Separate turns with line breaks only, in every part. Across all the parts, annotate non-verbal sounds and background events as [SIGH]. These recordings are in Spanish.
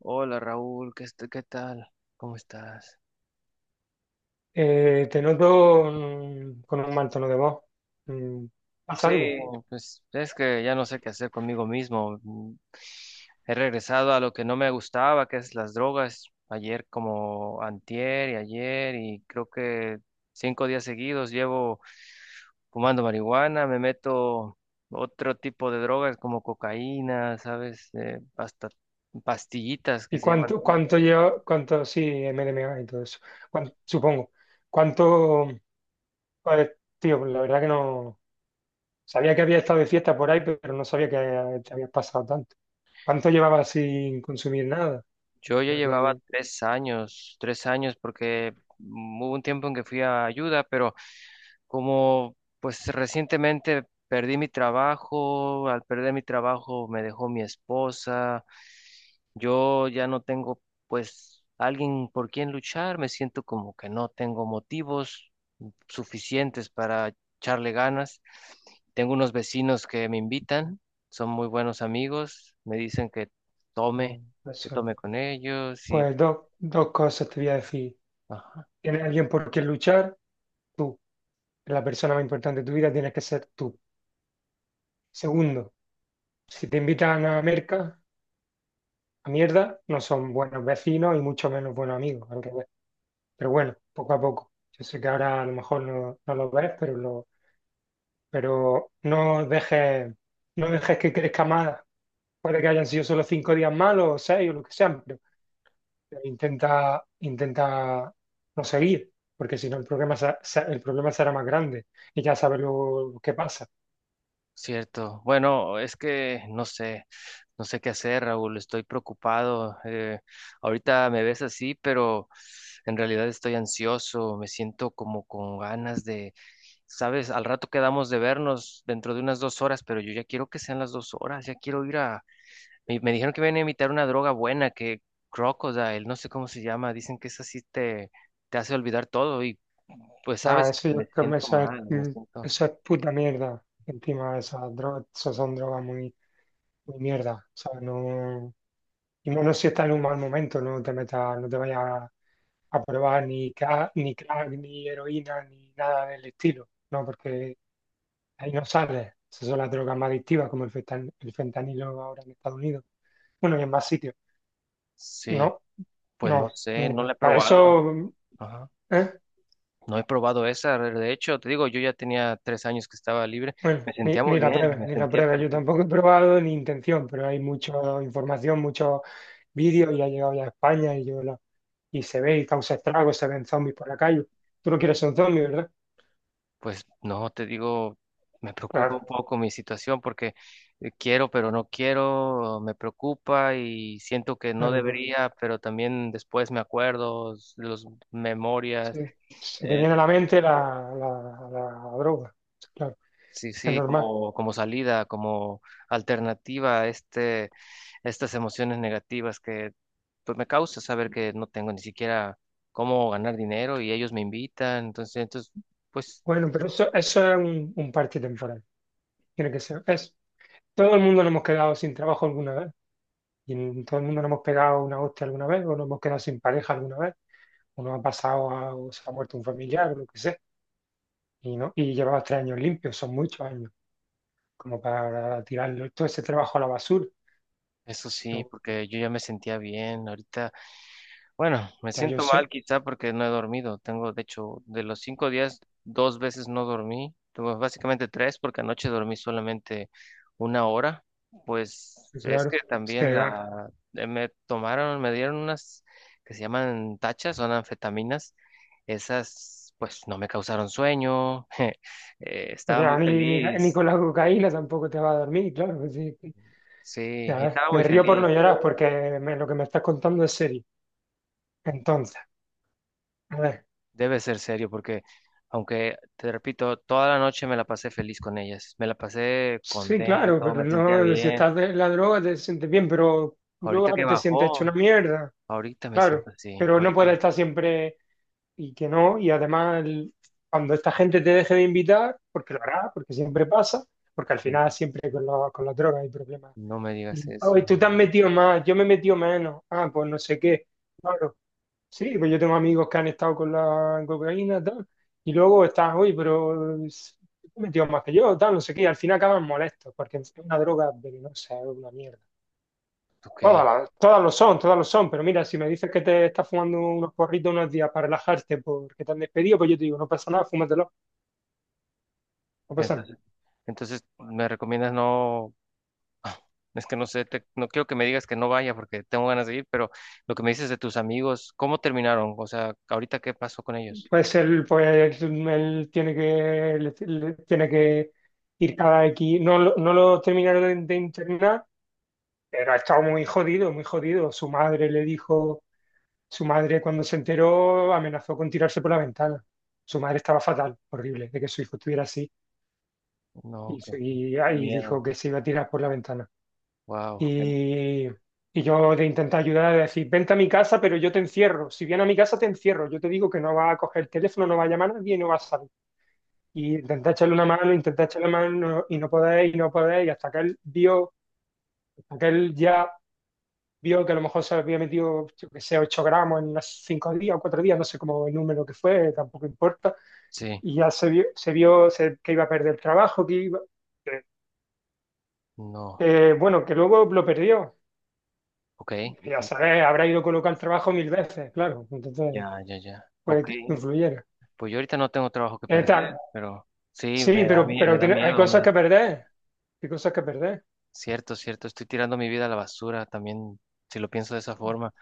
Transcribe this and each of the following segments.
Hola Raúl, ¿ qué tal? ¿Cómo estás?
Te noto con un mal tono de voz. Mm, ¿Pasa
Sí,
algo?
no, pues es que ya no sé qué hacer conmigo mismo. He regresado a lo que no me gustaba, que es las drogas. Ayer como antier y ayer y creo que 5 días seguidos llevo fumando marihuana, me meto otro tipo de drogas como cocaína, ¿sabes? Hasta pastillitas que
¿Y
se llaman.
cuánto lleva, cuánto, sí, MDMA y todo eso? Supongo. ¿Cuánto, pues, tío? Pues la verdad que no, sabía que había estado de fiesta por ahí, pero no sabía que te habías pasado tanto. ¿Cuánto llevabas sin consumir nada?
Yo ya
Para
llevaba
que,
3 años, 3 años, porque hubo un tiempo en que fui a ayuda, pero como pues recientemente perdí mi trabajo, al perder mi trabajo me dejó mi esposa, yo ya no tengo pues alguien por quien luchar, me siento como que no tengo motivos suficientes para echarle ganas. Tengo unos vecinos que me invitan, son muy buenos amigos, me dicen que
no,
tome, que
eso.
tome con ellos y...
Pues dos cosas te voy a decir.
Ajá.
Tienes alguien por quien luchar, tú. La persona más importante de tu vida tienes que ser tú. Segundo. Si te invitan a merca, a mierda, no son buenos vecinos y mucho menos buenos amigos, al revés. Pero bueno, poco a poco. Yo sé que ahora a lo mejor no lo ves, pero, lo, pero no dejes, no dejes que crezca más. Puede que hayan sido solo cinco días malos o seis o lo que sean, pero intenta no seguir, porque si no el problema, el problema será más grande y ya sabes lo que pasa.
Cierto. Bueno, es que no sé qué hacer, Raúl. Estoy preocupado. Ahorita me ves así, pero en realidad estoy ansioso. Me siento como con ganas de, sabes, al rato quedamos de vernos dentro de unas 2 horas, pero yo ya quiero que sean las 2 horas. Ya quiero ir a. Me dijeron que vienen a imitar una droga buena, que Crocodile, no sé cómo se llama. Dicen que esa sí te hace olvidar todo y, pues,
Nada,
sabes,
eso,
me siento
eso es,
mal, me siento.
eso es puta mierda. Encima esas drogas, esas son drogas muy ni mierda. O sea, no, y menos si estás en un mal momento, no te metas, no te vayas a probar ni crack, ni crack, ni heroína, ni nada del estilo, ¿no? Porque ahí no sales. Esas son las drogas más adictivas, como el el fentanilo ahora en Estados Unidos. Bueno, y en más sitios.
Sí.
No,
Pues no
no,
sé, no
Mira,
la he
para
probado.
eso,
Ajá.
¿eh?
No he probado esa. De hecho, te digo, yo ya tenía 3 años que estaba libre.
Bueno,
Me sentía muy bien, me
ni la
sentía
prueba. Yo
perfecto.
tampoco he probado ni intención, pero hay mucha información, muchos vídeos y ha llegado ya a España y, y se ve y causa estragos, se ven zombies por la calle. Tú no quieres ser un zombie, ¿verdad?
Pues no, te digo, me preocupa
Claro.
un poco mi situación porque quiero, pero no quiero, me preocupa y siento que no
Bueno, pues
debería, pero también después me acuerdo, los
sí.
memorias.
Se te
eh,
viene a la mente la droga. Claro,
Sí,
es
sí,
normal.
como, salida, como alternativa a estas emociones negativas que pues me causa saber que no tengo ni siquiera cómo ganar dinero y ellos me invitan, entonces, pues.
Bueno, pero eso es un parche temporal. Tiene que ser. Es, todo el mundo nos hemos quedado sin trabajo alguna vez. Y todo el mundo nos hemos pegado una hostia alguna vez o nos hemos quedado sin pareja alguna vez. Uno ha pasado, o se ha muerto un familiar o lo que sea, y, no, y llevabas tres años limpios, son muchos años, como para tirarlo todo ese trabajo a la basura.
Eso sí,
Yo,
porque yo ya me sentía bien. Ahorita, bueno, me
ya yo
siento mal
sé,
quizá porque no he dormido. Tengo, de hecho, de los 5 días, 2 veces no dormí. Tuve básicamente tres porque anoche dormí solamente 1 hora. Pues
y
es
claro,
que también
se va.
la, me tomaron, me dieron unas que se llaman tachas, son anfetaminas. Esas, pues no me causaron sueño. [LAUGHS] Eh,
O
estaba muy
sea, ni
feliz.
con la cocaína tampoco te va a dormir, claro. Así que,
Sí,
a ver,
estaba muy
me río por
feliz.
no llorar porque lo que me estás contando es serio. Entonces, a ver,
Debe ser serio porque, aunque te repito, toda la noche me la pasé feliz con ellas, me la pasé
sí, claro,
contento,
pero
me sentía
no, si
bien.
estás de la droga te sientes bien, pero luego
Ahorita que
ahora te sientes hecho una
bajó,
mierda,
ahorita me
claro,
siento así,
pero no puedes
ahorita
estar siempre y que no, y cuando esta gente te deje de invitar, porque lo hará, porque siempre pasa, porque al
mm,
final siempre con, con las drogas hay problemas.
no me digas
Y, ay,
eso.
tú te has metido más, yo me he metido menos, ah, pues no sé qué, claro, sí, pues yo tengo amigos que han estado con la cocaína, tal, y luego estás, hoy, tú te has metido más que yo, tal, no sé qué, y al final acaban molestos, porque es una droga venenosa, es una mierda.
Ok,
Todas, todas lo son, pero mira, si me dices que te estás fumando unos porritos unos días para relajarte porque te han despedido, pues yo te digo, no pasa nada, fúmatelo, no pasa nada.
entonces, entonces me recomiendas no, es que no sé, no quiero que me digas que no vaya porque tengo ganas de ir, pero lo que me dices de tus amigos, ¿cómo terminaron? O sea, ¿ahorita qué pasó con ellos?
Pues, él tiene que, tiene que ir cada X, no, no lo terminaron de internar, pero ha estado muy jodido, muy jodido. Su madre le dijo, su madre cuando se enteró amenazó con tirarse por la ventana. Su madre estaba fatal, horrible, de que su hijo estuviera así,
No,
y,
qué,
y
qué
y dijo
miedo.
que se iba a tirar por la ventana.
Wow,
Y, y yo de intentar ayudar, de decir, vente a mi casa, pero yo te encierro. Si viene a mi casa, te encierro. Yo te digo que no va a coger el teléfono, no va a llamar a nadie y no va a salir. Y intenté echarle una mano, intenté echarle una mano y no podéis, y no podéis. Y hasta que él vio, hasta que él ya vio que a lo mejor se había metido, yo que sé, 8 gramos en unos 5 días o 4 días, no sé cómo el número que fue, tampoco importa.
sí,
Y ya se vio, que iba a perder el trabajo, que iba, que,
no,
que, bueno, que luego lo perdió.
ok.
Ya sabes, habrá ido a colocar el trabajo mil veces, claro. Entonces,
Ya, ya, ya.
puede
Ok.
que influyera.
Pues yo ahorita no tengo trabajo que perder,
Tal.
pero sí,
Sí,
me da,
pero,
mie- me
pero
da
tiene- hay
miedo, me
cosas
da...
que perder. Hay cosas que perder.
Cierto, cierto, estoy tirando mi vida a la basura también, si lo pienso de esa forma.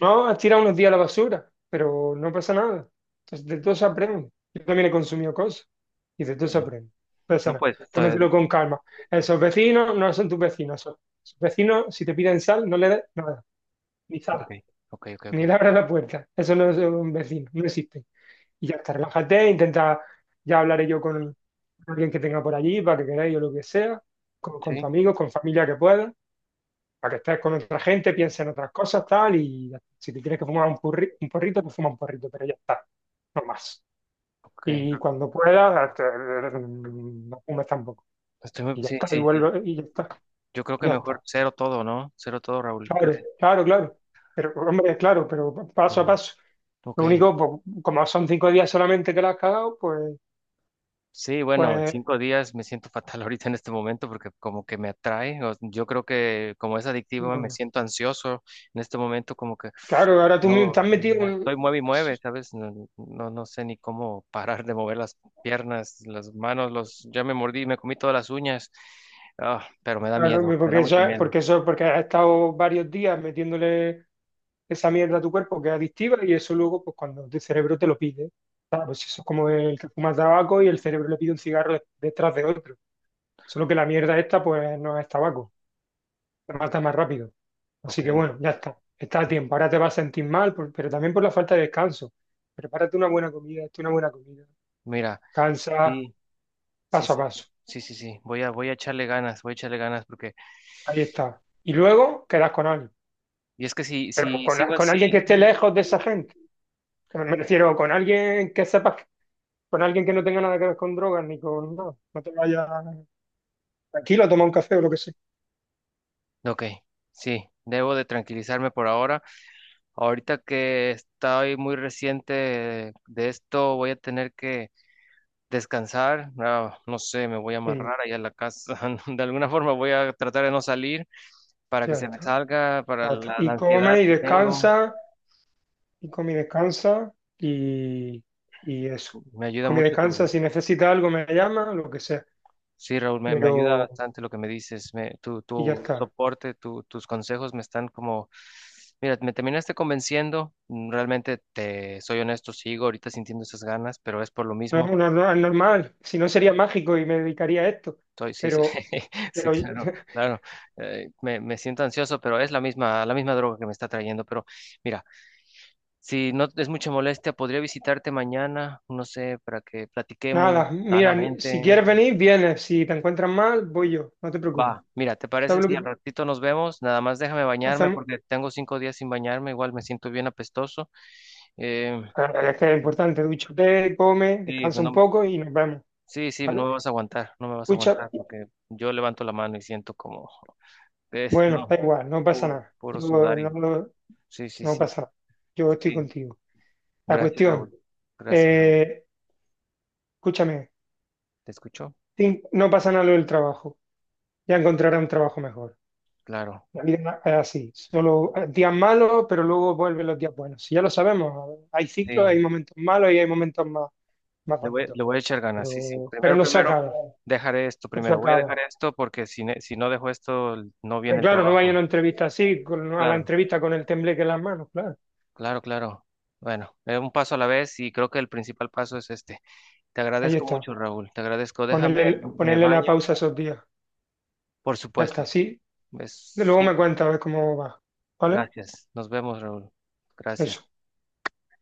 No, has tirado unos días a la basura, pero no pasa nada. Entonces, de todo se aprende. Yo también he consumido cosas y de todo
Sí.
se aprende. No pasa
No,
nada.
pues, estoy...
Tómatelo con calma. Esos vecinos no son tus vecinos. Esos vecinos, si te piden sal, no le des nada. Ni sal.
Ok, ok, ok, ok.
Ni le abras la puerta. Eso no es un vecino. No existe. Y ya está, relájate, intenta, ya hablaré yo con alguien que tenga por allí, para que queráis o lo que sea, con tus
Sí,
amigos, con familia que puedas, para que estés con otra gente, pienses en otras cosas, tal, y ya. Si te tienes que fumar un, un porrito, pues fuma un porrito, pero ya está, no más.
ok.
Y cuando puedas, no fumes tampoco. Y ya
Sí,
está, y
sí, sí.
vuelve, y ya está,
Yo creo que
ya
mejor
está.
cero todo, ¿no? Cero todo, Raúl.
Claro, claro, claro. Pero, hombre, claro, pero paso a
Mm.
paso.
Ok.
Lo único, pues, como son cinco días solamente que la has cagado, pues,
Sí, bueno,
pues,
5 días me siento fatal [LAUGHS] ahorita en este momento porque como que me atrae. Yo creo que como es adictivo me
mm,
siento ansioso en este momento como que
claro, ahora
no
te has metido
me estoy
un...
mueve y mueve, ¿sabes? No, no, no sé ni cómo parar de mover las piernas, las manos, los ya me mordí, me comí todas las uñas. Ah, pero me da
Claro,
miedo, me
porque
da mucho miedo.
porque eso, porque has estado varios días metiéndole esa mierda a tu cuerpo que es adictiva y eso luego, pues cuando tu cerebro te lo pide, claro, pues eso es como el que fuma tabaco y el cerebro le pide un cigarro detrás de otro. Solo que la mierda esta, pues no es tabaco, te mata más rápido.
Ok,
Así que bueno, ya está, está a tiempo. Ahora te vas a sentir mal, pero también por la falta de descanso. Prepárate una buena comida, hazte una buena comida.
mira,
Cansa
sí, sí,
paso a
sí, sí.
paso.
Sí, sí, sí, voy a echarle ganas, voy a echarle ganas porque,
Ahí está. Y luego quedas con alguien.
y es que si,
Pero
si sigo
con
así,
alguien que esté lejos de esa gente. Me refiero con alguien que sepas, con alguien que no tenga nada que ver con drogas ni con nada. No te vayas tranquilo a tomar un café o lo que sea.
ok, sí, debo de tranquilizarme por ahora. Ahorita que estoy muy reciente de esto, voy a tener que descansar. Ah, no sé, me voy a
Y
amarrar allá en la casa. [LAUGHS] De alguna forma voy a tratar de no salir para que
ya
se me
está,
salga, para
ya está.
la
Y come
ansiedad
y
que tengo.
descansa, y come y descansa, y, y eso.
Me ayuda
Come y
mucho
descansa,
tu.
si necesita algo me llama, lo que sea.
Sí, Raúl, me ayuda
Pero,
bastante lo que me dices. Me, tu,
y ya
tu
está.
soporte, tus consejos me están como, mira, me terminaste convenciendo. Realmente te soy honesto, sigo ahorita sintiendo esas ganas, pero es por lo mismo.
No, es normal. Si no sería mágico y me dedicaría a esto.
Estoy, sí, sí,
Pero,
[LAUGHS] sí,
pero
claro, claro. Me siento ansioso, pero es la misma droga que me está trayendo. Pero mira, si no es mucha molestia, podría visitarte mañana, no sé, para que
nada,
platiquemos
mira, si
sanamente.
quieres venir, vienes. Si te encuentras mal, voy yo, no te preocupes.
Va, mira, ¿te parece
¿Sabes lo
si
que
al ratito nos vemos? Nada más déjame bañarme
hacemos?
porque tengo 5 días sin bañarme, igual me siento bien apestoso. Eh,
Ah, es que es importante, dúchate, come,
sí, pues
descansa un poco y nos vemos,
sí, sí, no
¿vale?
me vas a aguantar, no me vas a
Escucha,
aguantar porque yo levanto la mano y siento como, es,
bueno,
no,
da igual, no pasa
puro,
nada.
puro
Yo no,
sudar y,
no,
sí, sí,
no
sí,
pasa nada. Yo estoy
sí,
contigo. La
gracias Raúl,
cuestión,
gracias Raúl,
eh, escúchame,
¿te escuchó?
no pasa nada lo del trabajo. Ya encontrarás un trabajo mejor.
Claro,
La vida es así, solo días malos, pero luego vuelven los días buenos. Si ya lo sabemos, hay ciclos, hay
sí,
momentos malos y hay momentos más
le voy,
bonito.
le voy a echar ganas, sí, sí,
Pero
primero,
no se
primero,
acaba,
dejaré esto
no se
primero, voy a dejar
acaba.
esto porque si no dejo esto, no viene
Pero
el
claro, no vaya a una
trabajo,
entrevista así, a la
claro.
entrevista con el tembleque en las manos, claro.
Claro, claro. Bueno, un paso a la vez y creo que el principal paso es este. Te
Ahí
agradezco
está.
mucho, Raúl. Te agradezco. Déjame,
Ponerle,
me
ponerle la
baño,
pausa esos días.
por
Ya está,
supuesto.
sí. De
Es
luego me
cinco.
cuentas a ver cómo va. ¿Vale?
Gracias. Nos vemos, Raúl. Gracias.
Eso.